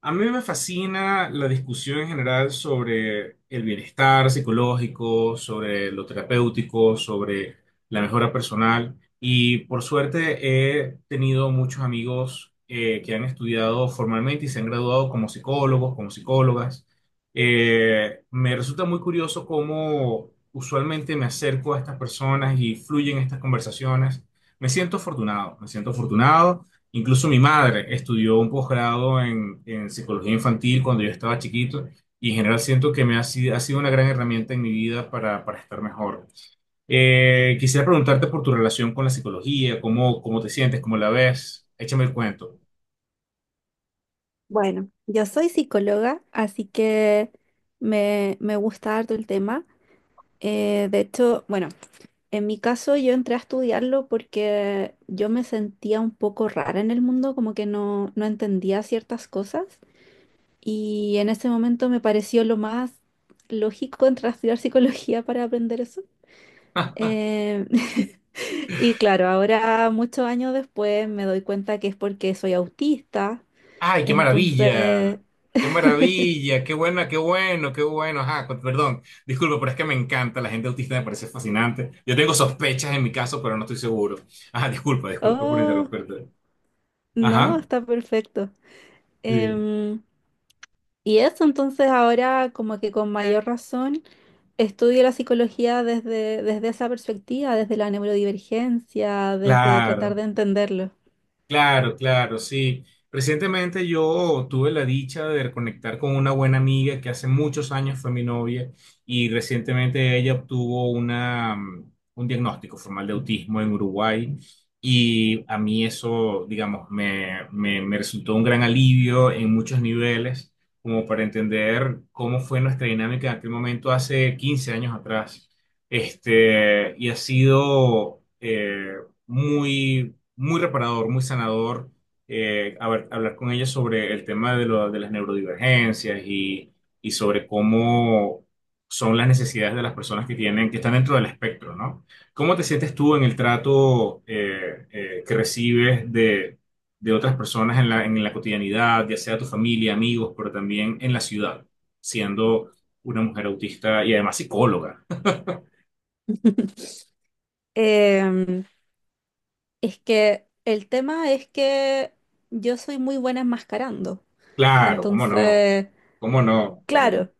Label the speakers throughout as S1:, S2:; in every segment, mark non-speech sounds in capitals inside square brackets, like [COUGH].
S1: A mí me fascina la discusión en general sobre el bienestar psicológico, sobre lo terapéutico, sobre la mejora personal. Y por suerte he tenido muchos amigos que han estudiado formalmente y se han graduado como psicólogos, como psicólogas. Me resulta muy curioso cómo usualmente me acerco a estas personas y fluyen estas conversaciones. Me siento afortunado, me siento afortunado. Incluso mi madre estudió un posgrado en psicología infantil cuando yo estaba chiquito y en general siento que me ha sido una gran herramienta en mi vida para estar mejor. Quisiera preguntarte por tu relación con la psicología, cómo te sientes, cómo la ves. Échame el cuento.
S2: Bueno, yo soy psicóloga, así que me gusta harto el tema. De hecho, en mi caso yo entré a estudiarlo porque yo me sentía un poco rara en el mundo, como que no entendía ciertas cosas y en ese momento me pareció lo más lógico entrar a estudiar [LAUGHS] psicología para aprender eso. Eh, [LAUGHS] y claro, ahora muchos años después me doy cuenta que es porque soy autista,
S1: ¡Ay, qué maravilla!
S2: entonces...
S1: ¡Qué
S2: [LAUGHS]
S1: maravilla! ¡Qué buena, qué bueno, qué bueno! Ajá, perdón, disculpa, pero es que me encanta. La gente autista me parece fascinante. Yo tengo sospechas en mi caso, pero no estoy seguro. Ajá, disculpa, disculpa por
S2: Oh,
S1: interrumpirte.
S2: no,
S1: Ajá.
S2: está perfecto.
S1: Sí.
S2: Em, y eso entonces ahora como que con mayor razón estudio la psicología desde esa perspectiva, desde la neurodivergencia, desde tratar
S1: Claro,
S2: de entenderlo.
S1: claro, claro, sí. Recientemente yo tuve la dicha de reconectar con una buena amiga que hace muchos años fue mi novia y recientemente ella obtuvo un diagnóstico formal de autismo en Uruguay y a mí eso, digamos, me resultó un gran alivio en muchos niveles, como para entender cómo fue nuestra dinámica en aquel momento hace 15 años atrás. Este, y ha sido, muy muy reparador, muy sanador, a ver, hablar con ella sobre el tema de las neurodivergencias y sobre cómo son las necesidades de las personas que tienen, que están dentro del espectro, ¿no? ¿Cómo te sientes tú en el trato que recibes de otras personas en en la cotidianidad, ya sea tu familia, amigos, pero también en la ciudad, siendo una mujer autista y además psicóloga?
S2: [LAUGHS] Em, es que el tema es que yo soy muy buena enmascarando.
S1: Claro, cómo no,
S2: Entonces,
S1: cómo no, cómo no.
S2: claro.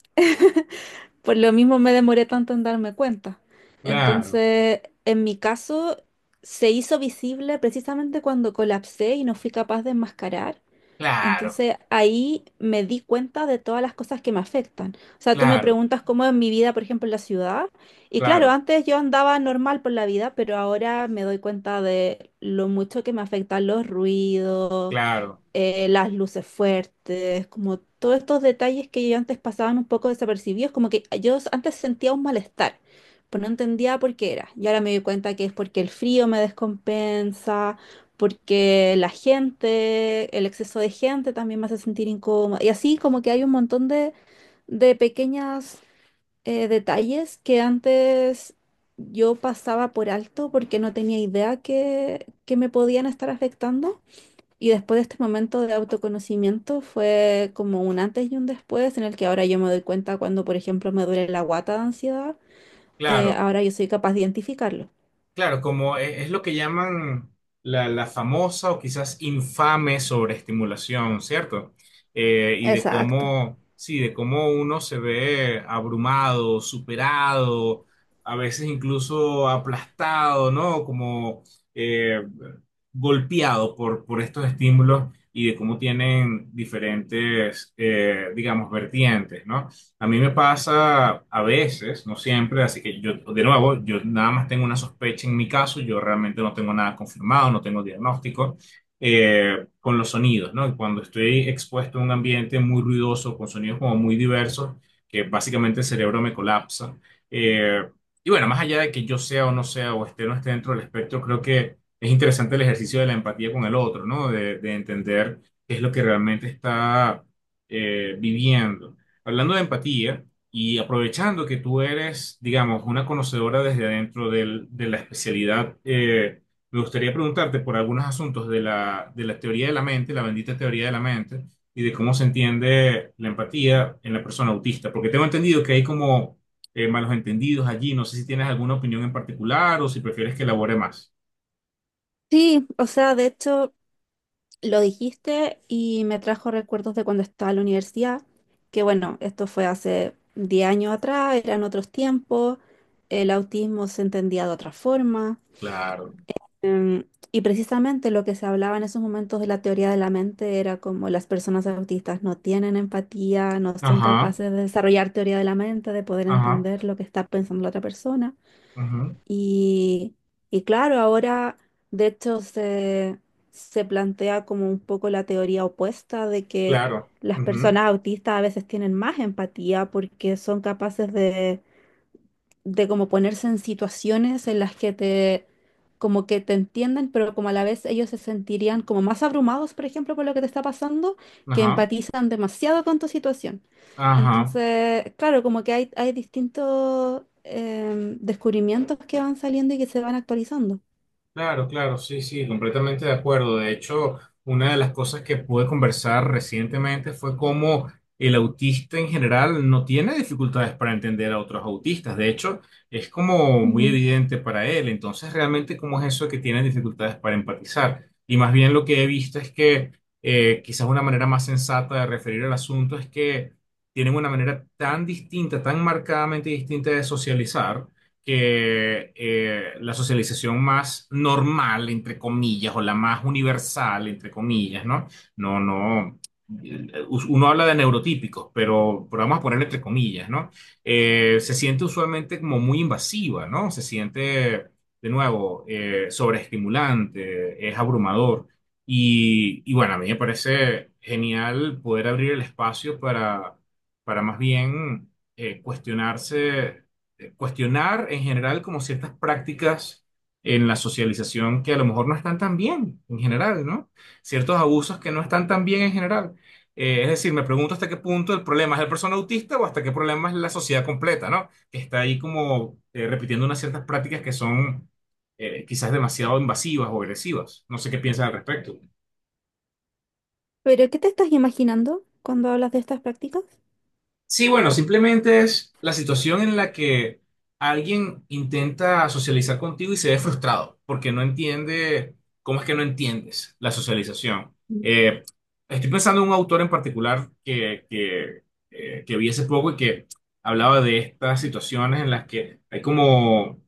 S2: Por lo mismo me demoré tanto en darme cuenta.
S1: Claro,
S2: Entonces, en mi caso, se hizo visible precisamente cuando colapsé y no fui capaz de enmascarar.
S1: claro.
S2: Entonces, ahí me di cuenta de todas las cosas que me afectan. O sea, tú me
S1: Claro,
S2: preguntas cómo es mi vida, por ejemplo, en la ciudad. Y claro,
S1: claro,
S2: antes yo andaba normal por la vida, pero ahora me doy cuenta de lo mucho que me afectan los ruidos
S1: claro,
S2: las luces fuertes, como todos estos detalles que yo antes pasaban un poco desapercibidos, como que yo antes sentía un malestar, pero no entendía por qué era. Y ahora me doy cuenta que es porque el frío me descompensa, porque la gente, el exceso de gente también me hace sentir incómoda. Y así como que hay un montón de pequeños detalles que antes... Yo pasaba por alto porque no tenía idea que me podían estar afectando. Y después de este momento de autoconocimiento fue como un antes y un después en el que ahora yo me doy cuenta cuando, por ejemplo, me duele la guata de ansiedad,
S1: claro,
S2: ahora yo soy capaz de identificarlo.
S1: claro, como es, lo que llaman la famosa o quizás infame sobreestimulación, ¿cierto? Y de
S2: Exacto.
S1: cómo, sí, de cómo uno se ve abrumado, superado, a veces incluso aplastado, ¿no? Como eh, golpeado por estos estímulos y de cómo tienen diferentes, digamos, vertientes, ¿no? A mí me pasa a veces, no siempre, así que yo, de nuevo, yo nada más tengo una sospecha en mi caso, yo realmente no tengo nada confirmado, no tengo diagnóstico, con los sonidos, ¿no? Y cuando estoy expuesto a un ambiente muy ruidoso, con sonidos como muy diversos, que básicamente el cerebro me colapsa. Eh, y bueno, más allá de que yo sea o no sea, o esté o no esté dentro del espectro, creo que es interesante el ejercicio de la empatía con el otro, ¿no? De entender qué es lo que realmente está viviendo. Hablando de empatía y aprovechando que tú eres, digamos, una conocedora desde adentro de la especialidad, me gustaría preguntarte por algunos asuntos de de la teoría de la mente, la bendita teoría de la mente, y de cómo se entiende la empatía en la persona autista, porque tengo entendido que hay como malos entendidos allí. No sé si tienes alguna opinión en particular o si prefieres que elabore más.
S2: Sí, o sea, de hecho, lo dijiste y me trajo recuerdos de cuando estaba en la universidad, que bueno, esto fue hace 10 años atrás, eran otros tiempos, el autismo se entendía de otra forma.
S1: Claro.
S2: Em, y precisamente lo que se hablaba en esos momentos de la teoría de la mente era como las personas autistas no tienen empatía, no son
S1: Ajá,
S2: capaces de desarrollar teoría de la mente, de poder
S1: ajá,
S2: entender lo que está pensando la otra persona.
S1: ujú.
S2: Y, y claro, ahora de hecho se plantea como un poco la teoría opuesta de que
S1: Claro.
S2: las
S1: Ujú,
S2: personas autistas a veces tienen más empatía porque son capaces de como ponerse en situaciones en las que como que te entiendan, pero como a la vez ellos se sentirían como más abrumados, por ejemplo, por lo que te está pasando, que
S1: ajá,
S2: empatizan demasiado con tu situación.
S1: ajá.
S2: Entonces, claro, como que hay distintos descubrimientos que van saliendo y que se van actualizando.
S1: Claro, claro, sí, sí, completamente de acuerdo. De hecho, una de las cosas que pude conversar recientemente fue cómo el autista en general no tiene dificultades para entender a otros autistas. De hecho, es como muy
S2: Ujú.
S1: evidente para él. Entonces, realmente, ¿cómo es eso de que tienen dificultades para empatizar? Y más bien lo que he visto es que quizás una manera más sensata de referir al asunto es que tienen una manera tan distinta, tan marcadamente distinta de socializar que la socialización más normal, entre comillas, o la más universal, entre comillas, ¿no? No, no. Uno habla de neurotípicos, pero vamos a poner entre comillas, ¿no? Se siente usualmente como muy invasiva, ¿no? Se siente, de nuevo, sobreestimulante, es abrumador. Y bueno, a mí me parece genial poder abrir el espacio para más bien cuestionarse, cuestionar en general como ciertas prácticas en la socialización que a lo mejor no están tan bien en general, ¿no? Ciertos abusos que no están tan bien en general. Es decir, me pregunto hasta qué punto el problema es el persona autista o hasta qué problema es la sociedad completa, ¿no? Que está ahí como repitiendo unas ciertas prácticas que son quizás demasiado invasivas o agresivas. No sé qué piensas al respecto.
S2: ¿Pero qué te estás imaginando cuando hablas de estas prácticas?
S1: Sí, bueno, simplemente es la situación en la que alguien intenta socializar contigo y se ve frustrado porque no entiende, ¿cómo es que no entiendes la socialización?
S2: Mm.
S1: Eh, Estoy pensando en un autor en particular que vi hace poco y que hablaba de estas situaciones en las que hay como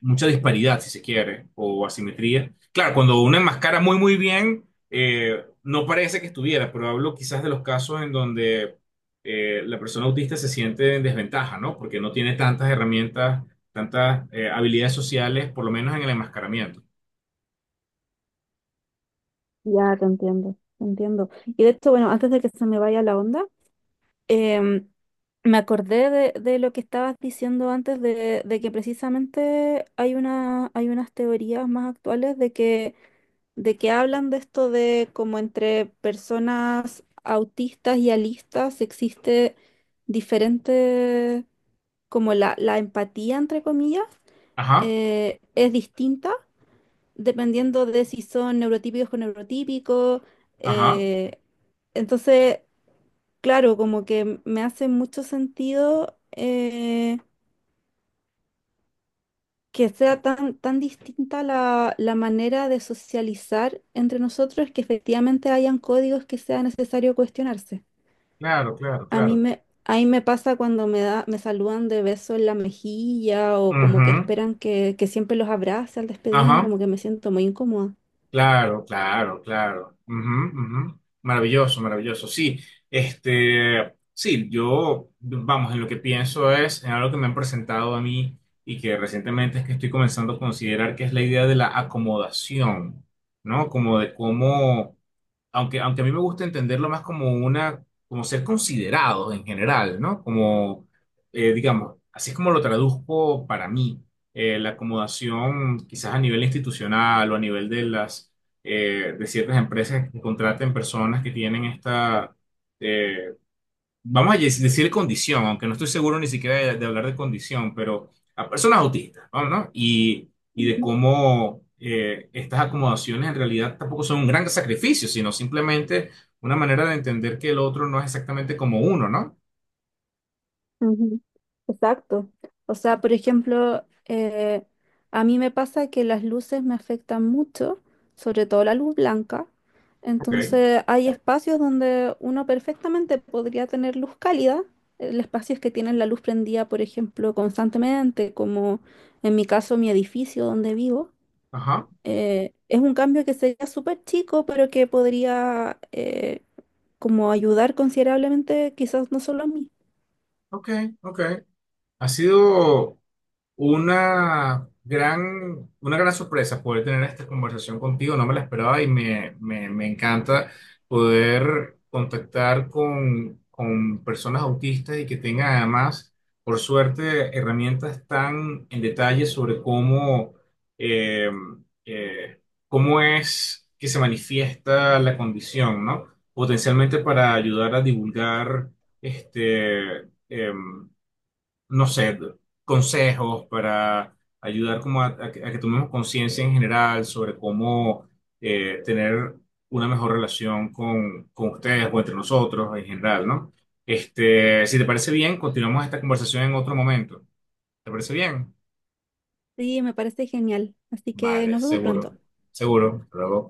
S1: mucha disparidad, si se quiere, o asimetría. Claro, cuando uno enmascara muy, muy bien, no parece que estuviera, pero hablo quizás de los casos en donde la persona autista se siente en desventaja, ¿no? Porque no tiene tantas herramientas, tantas habilidades sociales, por lo menos en el enmascaramiento.
S2: Ya, te entiendo, te entiendo. Y de hecho, bueno, antes de que se me vaya la onda, Em, me acordé de lo que estabas diciendo antes de que precisamente hay unas teorías más actuales de que hablan de esto de como entre personas autistas y alistas existe diferente, como la empatía, entre comillas,
S1: Ajá,
S2: es distinta dependiendo de si son neurotípicos con neurotípicos.
S1: ajá,
S2: eh, entonces, Claro, como que me hace mucho sentido que sea tan distinta la manera de socializar entre nosotros que efectivamente hayan códigos que sea necesario cuestionarse.
S1: claro, claro, claro.
S2: Ahí me pasa cuando me saludan de beso en la mejilla o como que
S1: Ujú,
S2: esperan que siempre los abrace al despedirme,
S1: ajá,
S2: como que me siento muy incómoda.
S1: claro, claro, claro. Ujú, ujú. Maravilloso, maravilloso. Sí, este, sí, yo, vamos, en lo que pienso es, en algo que me han presentado a mí y que recientemente es que estoy comenzando a considerar que es la idea de la acomodación, ¿no? Como de cómo aunque a mí me gusta entenderlo más como una, como ser considerados en general, ¿no? Como, digamos, así es como lo traduzco para mí, la acomodación quizás a nivel institucional o a nivel de las, de ciertas empresas que contraten personas que tienen esta, eh, decir condición, aunque no estoy seguro ni siquiera de hablar de condición, pero a personas autistas, vamos, ¿no? Y de cómo estas acomodaciones en realidad tampoco son un gran sacrificio, sino simplemente una manera de entender que el otro no es exactamente como uno, ¿no?
S2: Ujú. Exacto. O sea, por ejemplo, a mí me pasa que las luces me afectan mucho, sobre todo la luz blanca.
S1: Ok,
S2: Entonces, hay espacios donde uno perfectamente podría tener luz cálida, el espacios que tienen la luz prendida, por ejemplo, constantemente, como en mi caso, mi edificio donde vivo.
S1: ajá,
S2: Es un cambio que sería súper chico, pero que podría como ayudar considerablemente, quizás no solo a mí.
S1: ok, ok. Ha sido una gran, una gran sorpresa poder tener esta conversación contigo, no me la esperaba y me encanta poder contactar con personas autistas y que tengan además, por suerte, herramientas tan en detalle sobre cómo, eh, eh, cómo es que se manifiesta la condición, ¿no? Potencialmente para ayudar a divulgar este, no sé, consejos para ayudar como a a que tomemos conciencia en general sobre cómo tener una mejor relación con ustedes o entre nosotros en general, ¿no? Este, si te parece bien, continuamos esta conversación en otro momento. ¿Te parece bien?
S2: Sí, me parece genial. Así que
S1: Vale,
S2: nos vemos
S1: seguro,
S2: pronto.
S1: seguro. Hasta luego.